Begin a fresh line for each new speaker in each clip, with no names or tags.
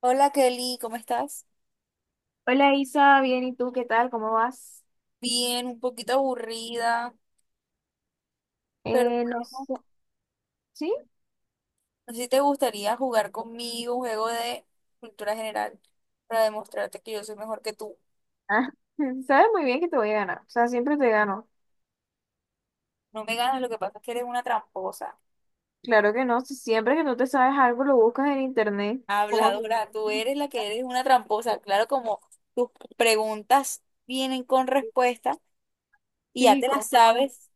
Hola Kelly, ¿cómo estás?
Hola Isa, bien, ¿y tú qué tal? ¿Cómo vas?
Bien, un poquito aburrida, pero
No
bueno,
sé. ¿Sí?
no sé si te gustaría jugar conmigo un juego de cultura general para demostrarte que yo soy mejor que tú.
Ah, Sabes muy bien que te voy a ganar, o sea, siempre te gano.
No me ganas, lo que pasa es que eres una tramposa,
Claro que no, si siempre que no te sabes algo lo buscas en internet, como si-
habladora, tú eres la que eres una tramposa. Claro, como tus preguntas vienen con respuesta y ya
sí,
te las
cómo no.
sabes.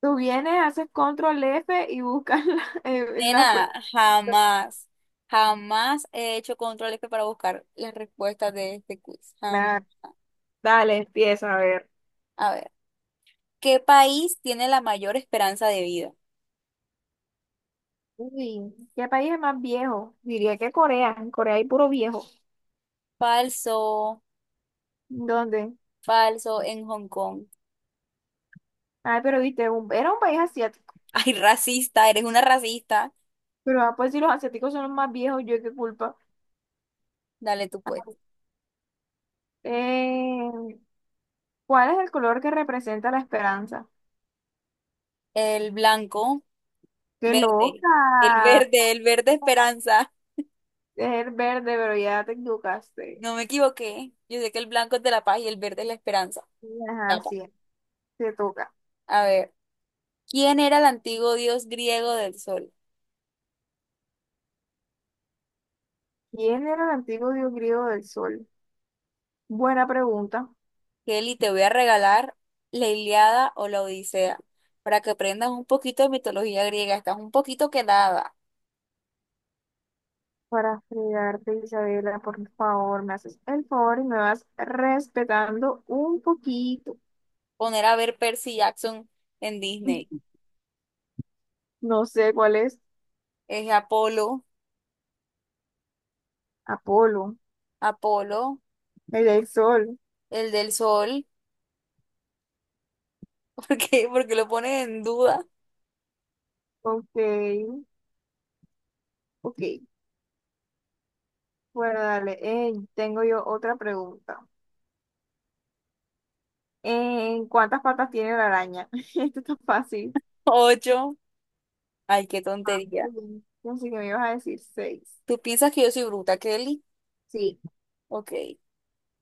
Tú vienes, haces control F y buscas la, en la pro-
Nena, jamás, jamás he hecho controles que para buscar las respuestas de este quiz. Jamás.
la- Dale, empieza a ver.
A ver. ¿Qué país tiene la mayor esperanza de vida?
Uy, ¿qué país es más viejo? Diría que Corea, en Corea hay puro viejo.
Falso,
¿Dónde?
falso en Hong Kong.
Ay, pero viste, era un país asiático.
Ay, racista, eres una racista.
Pero ah, pues si los asiáticos son los más viejos, ¿yo qué culpa?
Dale tú pues.
Eh, ¿Cuál es el color que representa la esperanza?
El blanco,
¡Qué
verde. El
loca!
verde, el verde esperanza.
Es el verde, pero ya te equivocaste.
No me equivoqué. Yo sé que el blanco es de la paz y el verde es la esperanza.
Ajá,
Tapa.
sí, te toca.
A ver, ¿quién era el antiguo dios griego del sol?
¿Quién era el antiguo dios griego del sol? Buena pregunta
Kelly, te voy a regalar la Ilíada o la Odisea para que aprendas un poquito de mitología griega. Estás un poquito quedada.
para fregarte, Isabela. Por favor, me haces el favor y me vas respetando un poquito.
Poner a ver Percy Jackson en Disney.
No sé cuál es.
Es Apolo,
Apolo,
Apolo,
el del sol.
el del sol. ¿Por qué? Porque lo pones en duda.
Ok, ok. Bueno, dale. Tengo yo otra pregunta. ¿En ¿Cuántas patas tiene la araña? Esto está fácil.
Ocho. Ay, qué
Ah,
tontería.
muy bien. Así que me ibas a decir seis.
¿Tú piensas que yo soy bruta, Kelly?
Sí.
Ok.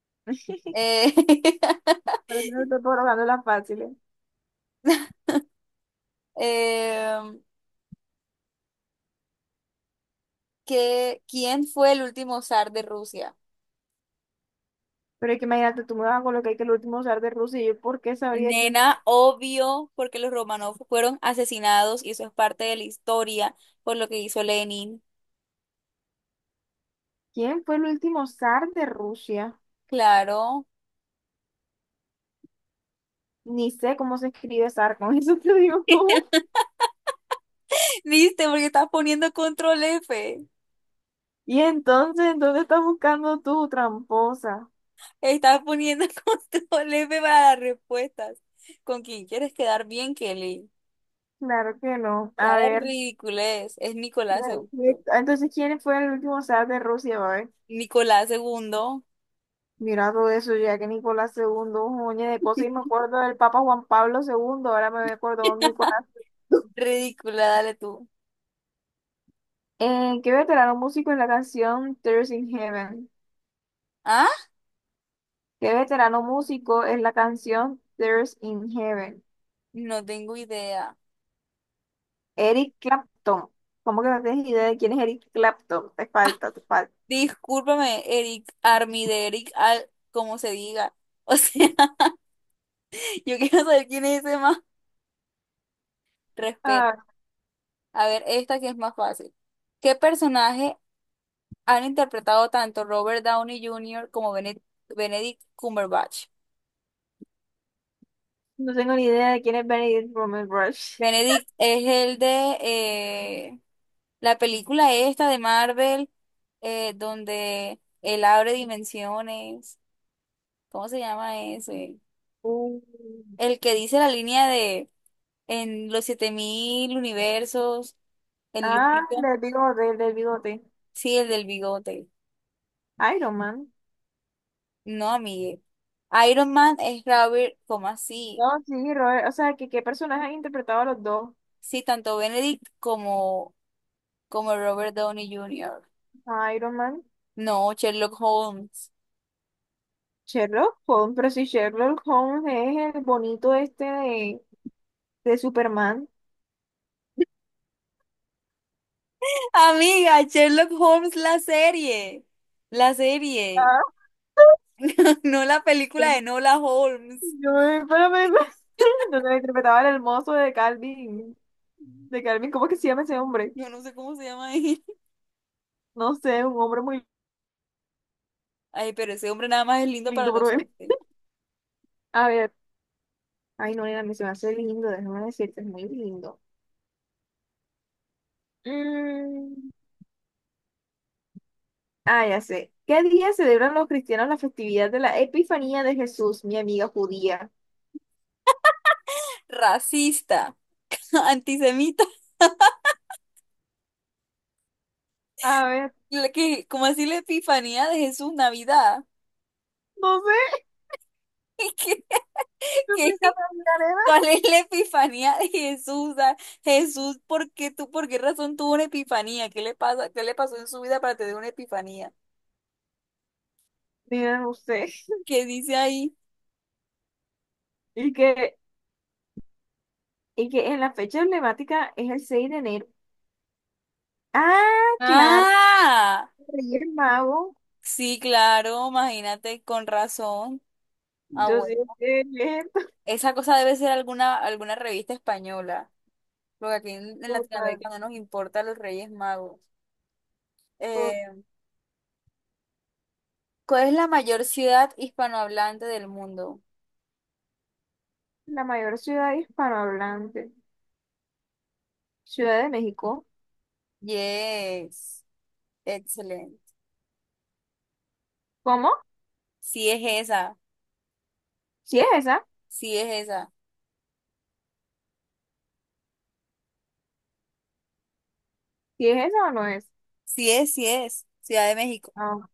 Pero
Eh,
si no te estoy colocando las fáciles.
em, ¿quién fue el último zar de Rusia?
Pero es que imagínate, tú me vas a colocar que el último zar de Rusia. ¿Y yo por qué sabría quién,
Nena, obvio, porque los Romanov fueron asesinados y eso es parte de la historia por lo que hizo Lenin.
quién fue el último zar de Rusia?
Claro.
Ni sé cómo se escribe zar, con eso te digo tú.
¿Viste? Porque estás poniendo control F.
Y entonces, ¿en ¿dónde estás buscando tú, tramposa?
Estás poniendo control F para las respuestas. ¿Con quién quieres quedar bien, Kelly?
Claro que no.
Ya
A
la
ver.
ridiculez. Es Nicolás
Bueno,
segundo,
entonces, ¿quién fue el último zar de Rusia, va?
Nicolás segundo.
Mira todo eso, ya que Nicolás segundo un montón de cosas, y me acuerdo del Papa Juan Pablo segundo, ahora me acuerdo de Nicolás.
Ridícula, dale tú.
¿Qué veterano músico es la canción Tears in Heaven?
¿Ah?
¿Qué veterano músico es la canción Tears in Heaven?
No tengo idea.
Eric Clapton. ¿Cómo que no tienes idea de quién es Eric Clapton? Te falta, te falta.
Discúlpame, Eric Armide, Eric Al, como se diga. O sea, yo quiero saber quién es ese más. Respeto.
Ah,
A ver, esta que es más fácil. ¿Qué personaje han interpretado tanto Robert Downey Jr. como Benedict Cumberbatch?
no tengo ni idea de quién es Benedict Cumberbatch.
Benedict es el de la película esta de Marvel, donde él abre dimensiones. ¿Cómo se llama ese?
Uh,
El que dice la línea de en los 7000 universos, el
Ah,
lupito.
del bigote, del bigote.
Sí, el del bigote.
Iron Man.
No, amigue. ¿Iron Man es Robert, como así?
No, sí, Robert, o sea, que qué personaje han interpretado a los dos.
Sí, tanto Benedict como, como Robert Downey Jr.
Iron Man,
No, Sherlock Holmes.
Sherlock Holmes, pero si Sherlock Holmes es el bonito este de Superman.
Amiga, Sherlock Holmes, la serie. La serie.
Ah,
No, la película de Nola Holmes.
Yo me, pero me- donde me interpretaba el hermoso de Calvin, de Calvin. ¿Cómo que se llama ese hombre?
Yo no sé cómo se llama ahí.
No sé, un hombre muy
Ay, pero ese hombre nada más es lindo para
lindo,
los hombres.
A ver, ay no, nena, me se me hace lindo, déjame decirte, es muy lindo. Mm, Ah, ya sé. ¿Qué día celebran los cristianos la festividad de la Epifanía de Jesús, mi amiga judía?
Racista, antisemita.
A ver,
¿Cómo así la epifanía de Jesús Navidad?
no sé, yo soy
¿Qué, qué?
Catalina.
¿Cuál es la epifanía de Jesús? Ah, Jesús, ¿por qué por qué razón tuvo una epifanía? ¿Qué le pasa? ¿Qué le pasó en su vida para tener una epifanía?
Mira usted.
¿Qué dice ahí?
Y que, y que en la fecha emblemática es el 6 de enero. Ah, claro,
Ah,
Reyes Mago.
sí, claro, imagínate, con razón. Ah,
Yo sí
bueno.
que es
Esa cosa debe ser alguna, alguna revista española, porque aquí en
total,
Latinoamérica no nos importa los Reyes Magos.
tot-
Eh, ¿Cuál es la mayor ciudad hispanohablante del mundo?
la mayor ciudad hispanohablante. Ciudad de México.
Yes, excelente.
¿Cómo?
Sí es esa,
¿Sí es esa?
sí es esa.
¿Sí es esa o no es?
Sí es, sí es. Ciudad de México.
Ah,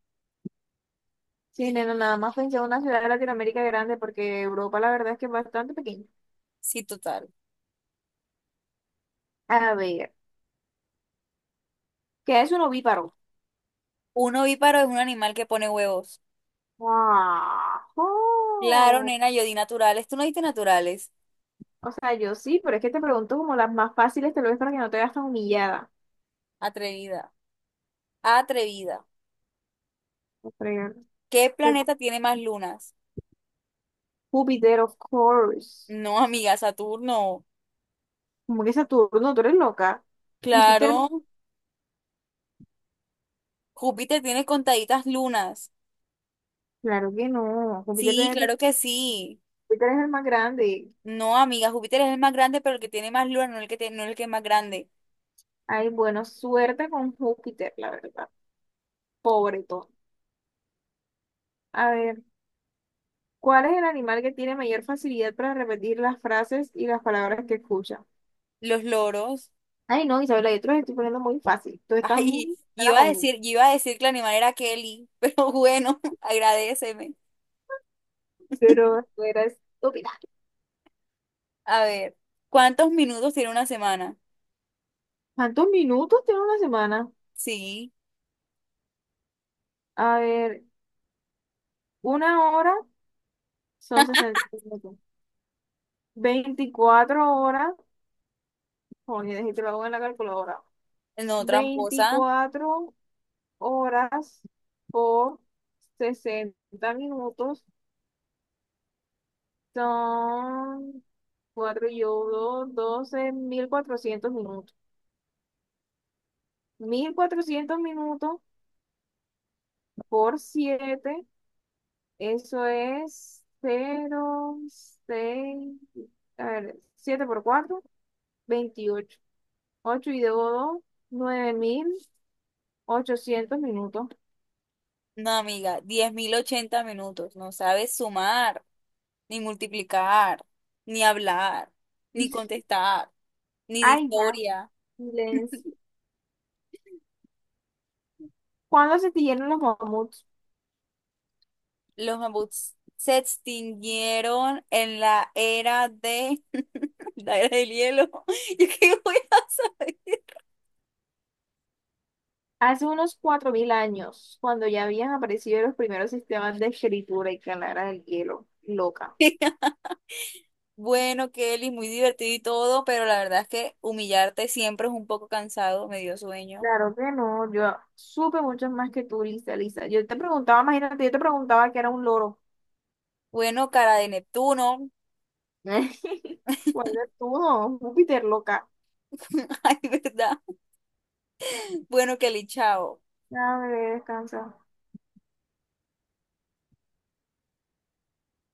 sí, nena, nada más pensé en una ciudad de Latinoamérica grande porque Europa la verdad es que es bastante pequeña.
Sí, total.
A ver, ¿qué es un ovíparo?
Un ovíparo es un animal que pone huevos. Claro,
¡Guau!
nena, yo di naturales. ¿Tú no diste naturales?
O sea, yo sí, pero es que te pregunto como las más fáciles, te lo ves para que no te veas tan humillada.
Atrevida, atrevida.
No fregar.
¿Qué
Este,
planeta tiene más lunas?
Júpiter, of course.
No, amiga, Saturno.
Como que Saturno, tú eres loca.
Claro,
Júpiter,
Júpiter tiene contaditas lunas.
claro que no.
Sí, claro que sí.
Júpiter es el más grande.
No, amiga, Júpiter es el más grande, pero el que tiene más lunas, no el que tiene, no el que es más grande.
Ay, bueno, suerte con Júpiter, la verdad. Pobre todo. A ver, ¿cuál es el animal que tiene mayor facilidad para repetir las frases y las palabras que escucha?
Los loros.
Ay, no, Isabela, yo te los estoy poniendo muy fácil. Tú estás
Ay,
muy
yo
mala
iba a
conmigo.
decir, yo iba a decir que el animal era Kelly, pero bueno, agradéceme.
Pero tú eres estúpida.
A ver, ¿cuántos minutos tiene una semana?
¿Cuántos minutos tiene una semana?
Sí,
A ver, una hora son 60 minutos. 24 horas, joder, si te lo hago en la calculadora.
no, tramposa.
24 horas por 60 minutos son 4 y uno, 12.400 minutos. 1.400 minutos por 7, eso es cero seis, a ver, 7 por 4 28, 8 y debo 9.800 minutos.
No, amiga, 10 080 minutos. No sabes sumar, ni multiplicar, ni hablar, ni contestar, ni de
Ay, ya,
historia.
silencio. ¿Cuándo se extinguieron los mamuts?
Los mamuts se extinguieron en la era de la era del hielo. ¿Yo qué voy a saber?
Hace unos 4.000 años, cuando ya habían aparecido los primeros sistemas de escritura y calara del hielo. Loca.
Bueno, Kelly, muy divertido y todo, pero la verdad es que humillarte siempre es un poco cansado, me dio sueño.
Claro que no, yo supe mucho más que tú, Lisa, Lisa. Yo te preguntaba, imagínate, yo te preguntaba que era un loro.
Bueno, cara de Neptuno.
¿Cuál es tú, no? Júpiter, loca.
Ay, ¿verdad? Bueno, Kelly, chao.
A ver, descansa.